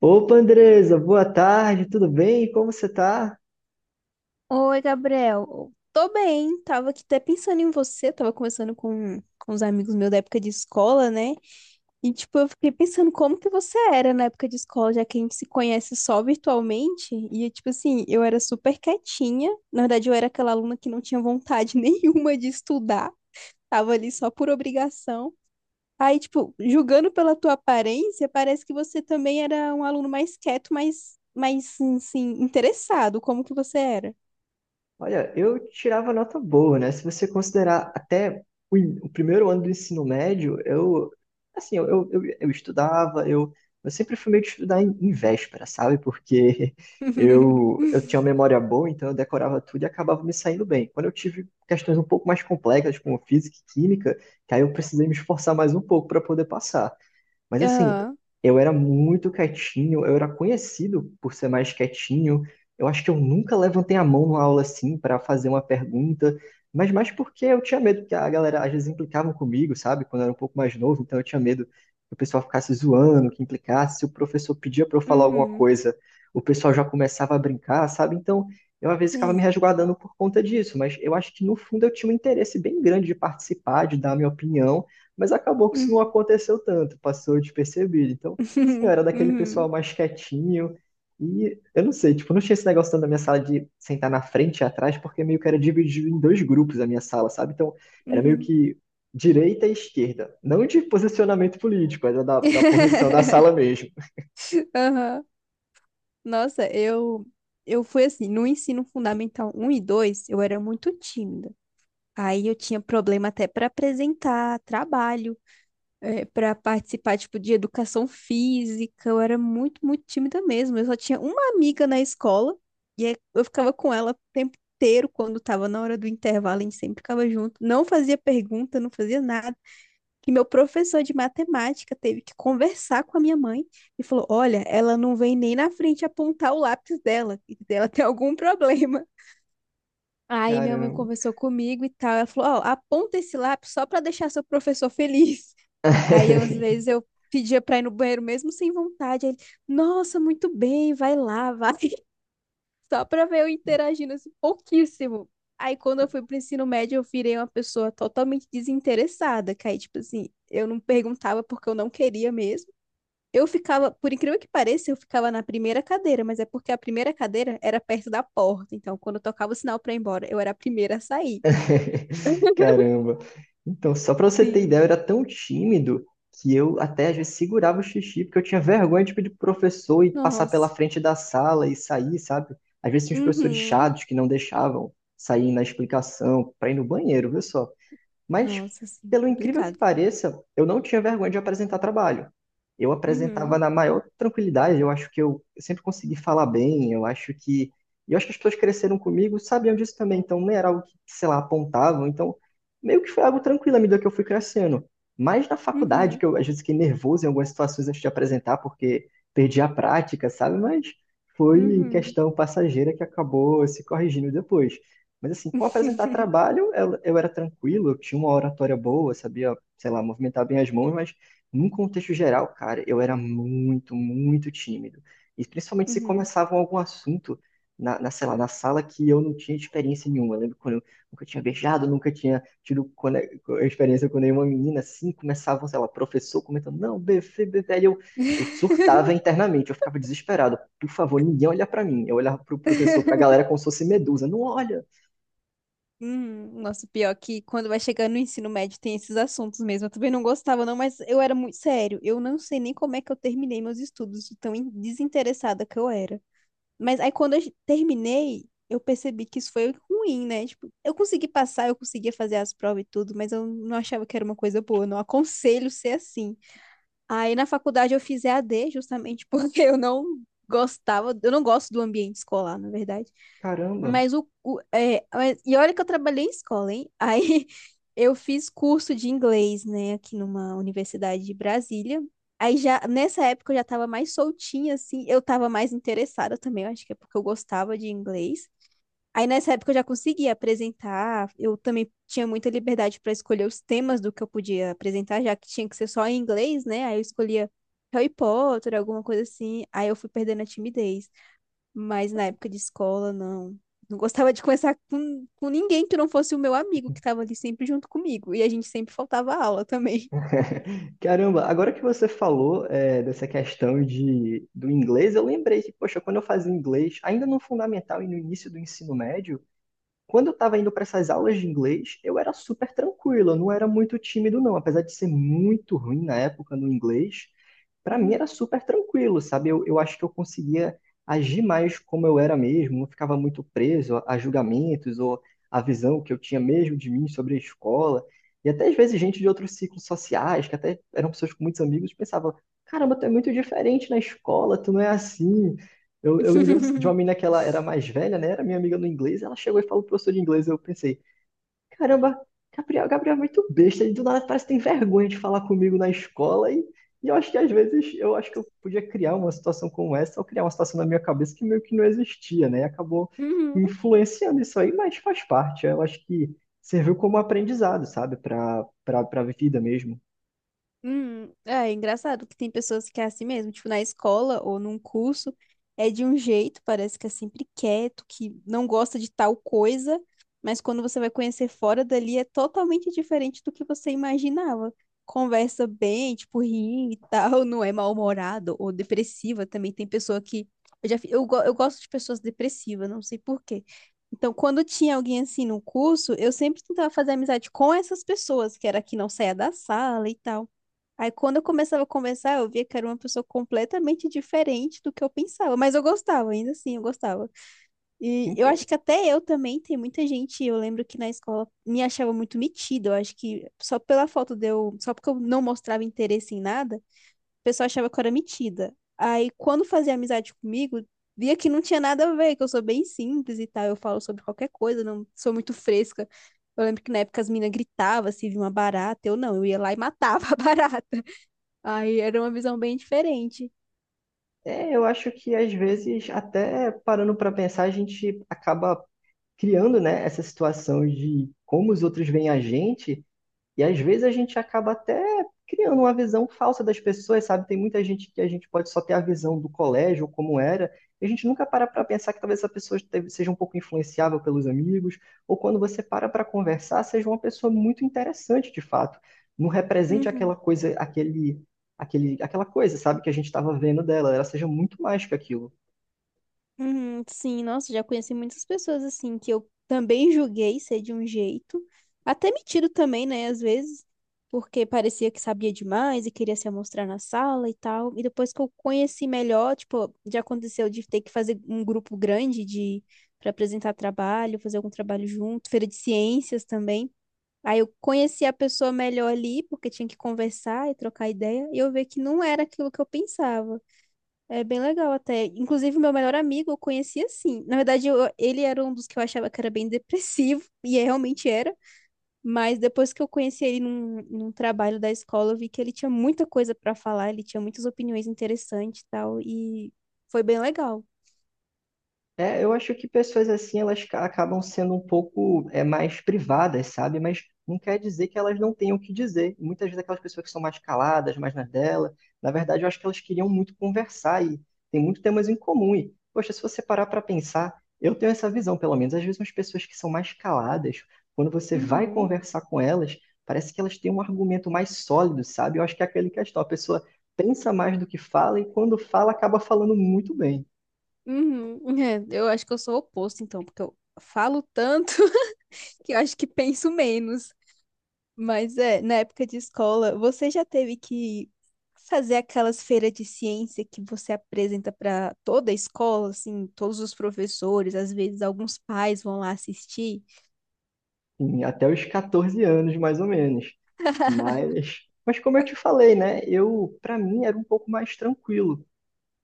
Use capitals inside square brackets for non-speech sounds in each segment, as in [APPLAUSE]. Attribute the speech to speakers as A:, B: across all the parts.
A: Opa, Andresa, boa tarde, tudo bem? Como você tá?
B: Oi, Gabriel. Tô bem, tava aqui até pensando em você, tava conversando com os amigos meus da época de escola, né? E, tipo, eu fiquei pensando como que você era na época de escola, já que a gente se conhece só virtualmente. E, tipo assim, eu era super quietinha. Na verdade, eu era aquela aluna que não tinha vontade [LAUGHS] nenhuma de estudar, tava ali só por obrigação. Aí, tipo, julgando pela tua aparência, parece que você também era um aluno mais quieto, mais, assim, interessado. Como que você era?
A: Olha, eu tirava nota boa, né? Se você considerar até o primeiro ano do ensino médio, eu estudava, eu sempre fui meio de estudar em véspera, sabe? Porque [LAUGHS]
B: [LAUGHS]
A: eu tinha uma memória boa, então eu decorava tudo e acabava me saindo bem. Quando eu tive questões um pouco mais complexas, como física e química, que aí eu precisei me esforçar mais um pouco para poder passar. Mas assim,
B: Aham.
A: eu era muito quietinho, eu era conhecido por ser mais quietinho. Eu acho que eu nunca levantei a mão numa aula assim para fazer uma pergunta, mas mais porque eu tinha medo que a galera às vezes implicava comigo, sabe? Quando eu era um pouco mais novo, então eu tinha medo que o pessoal ficasse zoando, que implicasse, se o professor pedia para eu falar alguma
B: Uhum.
A: coisa, o pessoal já começava a brincar, sabe? Então, eu às vezes ficava me
B: Sim.
A: resguardando por conta disso, mas eu acho que no fundo eu tinha um interesse bem grande de participar, de dar a minha opinião. Mas acabou que isso não
B: Uhum.
A: aconteceu tanto, passou despercebido. Então, sim, eu
B: [LAUGHS]
A: era daquele pessoal
B: Uhum.
A: mais quietinho. E eu não sei, tipo, não tinha esse negócio tanto da minha sala de sentar na frente e atrás, porque meio que era dividido em dois grupos a minha sala, sabe? Então, era meio
B: Uhum.
A: que direita e esquerda. Não de posicionamento político, era da posição da sala
B: [LAUGHS]
A: mesmo.
B: Aham. Nossa, eu fui assim, no ensino fundamental um e 2, eu era muito tímida. Aí eu tinha problema até para apresentar trabalho, para participar tipo de educação física, eu era muito, muito tímida mesmo. Eu só tinha uma amiga na escola e aí eu ficava com ela o tempo inteiro quando estava na hora do intervalo, a gente sempre ficava junto. Não fazia pergunta, não fazia nada. Que meu professor de matemática teve que conversar com a minha mãe e falou: Olha, ela não vem nem na frente apontar o lápis dela, e ela tem algum problema. Aí minha mãe
A: Caramba.
B: conversou comigo e tal. Ela falou: Ó, aponta esse lápis só para deixar seu professor feliz. [LAUGHS] Aí eu, às
A: [LAUGHS]
B: vezes eu pedia para ir no banheiro mesmo sem vontade. Aí ele: Nossa, muito bem, vai lá, vai. Só pra ver eu interagindo assim, pouquíssimo. Aí quando eu fui pro ensino médio, eu virei uma pessoa totalmente desinteressada, que aí, tipo assim, eu não perguntava porque eu não queria mesmo. Eu ficava, por incrível que pareça, eu ficava na primeira cadeira, mas é porque a primeira cadeira era perto da porta, então quando eu tocava o sinal pra ir embora, eu era a primeira a sair.
A: [LAUGHS] Caramba. Então, só pra você ter
B: Sim.
A: ideia, eu era tão tímido que eu até às vezes segurava o xixi, porque eu tinha vergonha tipo, de pedir pro professor e passar pela
B: Nossa.
A: frente da sala e sair, sabe? Às vezes tinha uns professores
B: Uhum.
A: chados que não deixavam sair na explicação pra ir no banheiro, viu só? Mas,
B: Nossa, assim,
A: pelo incrível que
B: complicado.
A: pareça, eu não tinha vergonha de apresentar trabalho. Eu apresentava
B: Uhum.
A: na maior tranquilidade, eu acho que eu sempre consegui falar bem, eu acho que. E eu acho que as pessoas cresceram comigo, sabiam disso também, então não era algo que, sei lá, apontavam, então meio que foi algo tranquilo à medida que eu fui crescendo. Mas na faculdade,
B: Uhum.
A: que eu às vezes fiquei nervoso em algumas situações antes de apresentar, porque perdi a prática, sabe? Mas foi
B: Uhum.
A: questão passageira que acabou se corrigindo depois. Mas assim, com apresentar
B: [LAUGHS]
A: trabalho, eu era tranquilo, eu tinha uma oratória boa, sabia, sei lá, movimentar bem as mãos, mas num contexto geral, cara, eu era muito, muito tímido. E principalmente se
B: Uhum.
A: começavam algum assunto na, sei lá, na sala que eu não tinha experiência nenhuma. Eu lembro quando eu nunca tinha beijado, nunca tinha tido experiência com nenhuma menina, assim, começavam, sei lá, professor comentando, não, bebê, bebê, aí eu surtava
B: [LAUGHS]
A: internamente, eu ficava desesperado. Por favor, ninguém olha pra mim. Eu olhava pro professor, pra galera como se fosse medusa. Não olha,
B: Nossa, pior é que quando vai chegando no ensino médio tem esses assuntos mesmo. Eu também não gostava, não, mas eu era muito sério. Eu não sei nem como é que eu terminei meus estudos, de tão desinteressada que eu era. Mas aí quando eu terminei, eu percebi que isso foi ruim, né? Tipo, eu consegui passar, eu conseguia fazer as provas e tudo, mas eu não achava que era uma coisa boa. Eu não aconselho ser assim. Aí na faculdade eu fiz EAD justamente [LAUGHS] porque eu não gostava, eu não gosto do ambiente escolar, na verdade.
A: caramba,
B: Mas e olha que eu trabalhei em escola, hein? Aí [LAUGHS] eu fiz curso de inglês, né, aqui numa universidade de Brasília. Aí já nessa época eu já tava mais soltinha assim, eu tava mais interessada também, eu acho que é porque eu gostava de inglês. Aí nessa época eu já conseguia apresentar, eu também tinha muita liberdade para escolher os temas do que eu podia apresentar, já que tinha que ser só em inglês, né? Aí eu escolhia Harry Potter, alguma coisa assim. Aí eu fui perdendo a timidez. Mas na época de escola, não. Não gostava de conversar com ninguém que não fosse o meu amigo, que estava ali sempre junto comigo. E a gente sempre faltava aula também.
A: [LAUGHS] caramba, agora que você falou é, dessa questão de, do inglês, eu lembrei que, poxa, quando eu fazia inglês, ainda no fundamental e no início do ensino médio, quando eu estava indo para essas aulas de inglês, eu era super tranquilo, eu não era muito tímido, não, apesar de ser muito ruim na época no inglês, para mim era
B: [LAUGHS]
A: super tranquilo, sabe? Eu acho que eu conseguia agir mais como eu era mesmo, não ficava muito preso a julgamentos ou a visão que eu tinha mesmo de mim sobre a escola. E até às vezes gente de outros ciclos sociais, que até eram pessoas com muitos amigos, pensava: caramba, tu é muito diferente na escola, tu não é assim. Eu lembro de uma
B: Uhum. [LAUGHS]
A: menina que ela era mais velha, né? Era minha amiga no inglês, ela chegou e falou pro professor de inglês, eu pensei. Caramba, Gabriel é muito besta. Ele do nada parece que tem vergonha de falar comigo na escola. E eu acho que às vezes eu acho que eu podia criar uma situação como essa, ou criar uma situação na minha cabeça que meio que não existia, né? E acabou influenciando isso aí, mas faz parte. Eu acho que serviu como aprendizado, sabe? Para para vida mesmo.
B: É engraçado que tem pessoas que é assim mesmo, tipo na escola ou num curso, é de um jeito, parece que é sempre quieto, que não gosta de tal coisa, mas quando você vai conhecer fora dali é totalmente diferente do que você imaginava. Conversa bem, tipo, ri e tal, [LAUGHS] não é mal-humorado ou depressiva também. Tem pessoa que. Eu, já, fi- eu, go- eu gosto de pessoas depressivas, não sei por quê. Então, quando tinha alguém assim no curso, eu sempre tentava fazer amizade com essas pessoas, que era que não saía da sala e tal. Aí quando eu começava a conversar, eu via que era uma pessoa completamente diferente do que eu pensava, mas eu gostava, ainda assim, eu gostava. E eu
A: Ent-
B: acho que até eu também, tem muita gente, eu lembro que na escola me achava muito metida, eu acho que só pela foto de eu, só porque eu não mostrava interesse em nada, o pessoal achava que eu era metida. Aí quando fazia amizade comigo, via que não tinha nada a ver, que eu sou bem simples e tal, eu falo sobre qualquer coisa, não sou muito fresca. Eu lembro que na época as meninas gritavam se via uma barata, eu não, eu ia lá e matava [LAUGHS] a barata. Aí era uma visão bem diferente.
A: É, eu acho que às vezes, até parando para pensar, a gente acaba criando, né, essa situação de como os outros veem a gente. E às vezes a gente acaba até criando uma visão falsa das pessoas, sabe? Tem muita gente que a gente pode só ter a visão do colégio, como era, e a gente nunca para para pensar que talvez seja um pouco influenciável pelos amigos, ou quando você para para conversar, seja uma pessoa muito interessante de fato. Não represente
B: Uhum,
A: aquela coisa, aquela coisa, sabe, que a gente estava vendo dela, ela seja muito mais que aquilo.
B: uhum, sim, nossa, já conheci muitas pessoas assim que eu também julguei ser de um jeito, até metido também, né, às vezes, porque parecia que sabia demais e queria se mostrar na sala e tal. E depois que eu conheci melhor, tipo, já aconteceu de ter que fazer um grupo grande de para apresentar trabalho, fazer algum trabalho junto, feira de ciências também. Aí eu conheci a pessoa melhor ali, porque tinha que conversar e trocar ideia, e eu vi que não era aquilo que eu pensava. É bem legal até. Inclusive, meu melhor amigo eu conheci assim. Na verdade, ele era um dos que eu achava que era bem depressivo, [LAUGHS] e é, realmente era. Mas depois que eu conheci ele num trabalho da escola, eu vi que ele tinha muita coisa pra falar, ele tinha muitas opiniões interessantes e tal, e foi bem legal.
A: É, eu acho que pessoas assim, acabam sendo um pouco é, mais privadas, sabe? Mas não quer dizer que elas não tenham o que dizer. Muitas vezes aquelas pessoas que são mais caladas, mais na dela, na verdade, eu acho que elas queriam muito conversar e tem muitos temas em comum. E, poxa, se você parar para pensar, eu tenho essa visão, pelo menos. Às vezes, as pessoas que são mais caladas, quando você vai
B: Uhum.
A: conversar com elas, parece que elas têm um argumento mais sólido, sabe? Eu acho que é aquele questão, a pessoa pensa mais do que fala e quando fala, acaba falando muito bem.
B: Uhum. [LAUGHS] É, eu acho que eu sou o oposto, então, porque eu falo tanto [LAUGHS] que eu acho que penso menos. Mas é, na época de escola, você já teve que fazer aquelas feiras de ciência que você apresenta para toda a escola, assim, todos os professores, às vezes alguns pais vão lá assistir?
A: Sim, até os 14 anos, mais ou menos. Mas como eu te falei, né? Eu, para mim, era um pouco mais tranquilo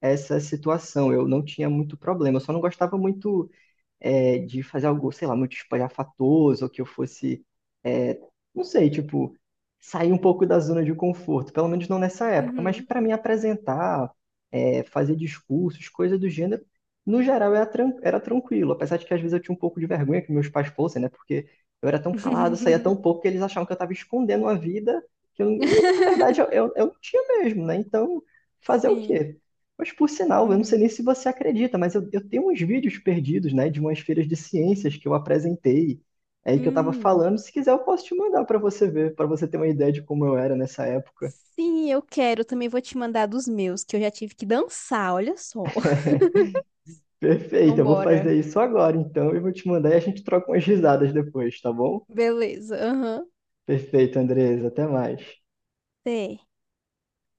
A: essa situação. Eu não tinha muito problema. Eu só não gostava muito é, de fazer algo, sei lá, muito espalhafatoso, ou que eu fosse, é, não sei, tipo, sair um pouco da zona de conforto, pelo menos não nessa época, mas
B: Uhum.
A: para mim apresentar, é, fazer discursos, coisa do gênero, no geral era, era tranquilo, apesar de que às vezes eu tinha um pouco de vergonha que meus pais fossem, né, porque eu era tão calado, saía
B: [LAUGHS]
A: tão pouco que eles achavam que eu estava escondendo a vida, que eu, e na verdade eu não tinha mesmo, né, então fazer o
B: Sim.
A: quê? Mas por sinal, eu não sei
B: Uhum.
A: nem se você acredita, mas eu tenho uns vídeos perdidos, né, de umas feiras de ciências que eu apresentei, aí que eu estava
B: Hum.
A: falando. Se quiser, eu posso te mandar para você ver, para você ter uma ideia de como eu era nessa época.
B: Sim, eu quero. Também vou te mandar dos meus, que eu já tive que dançar, olha só. [LAUGHS]
A: [LAUGHS]
B: Então,
A: Perfeito, eu vou
B: bora.
A: fazer isso agora, então, e vou te mandar e a gente troca umas risadas depois, tá bom?
B: Beleza. Aham.
A: Perfeito, Andres, até mais.
B: Até.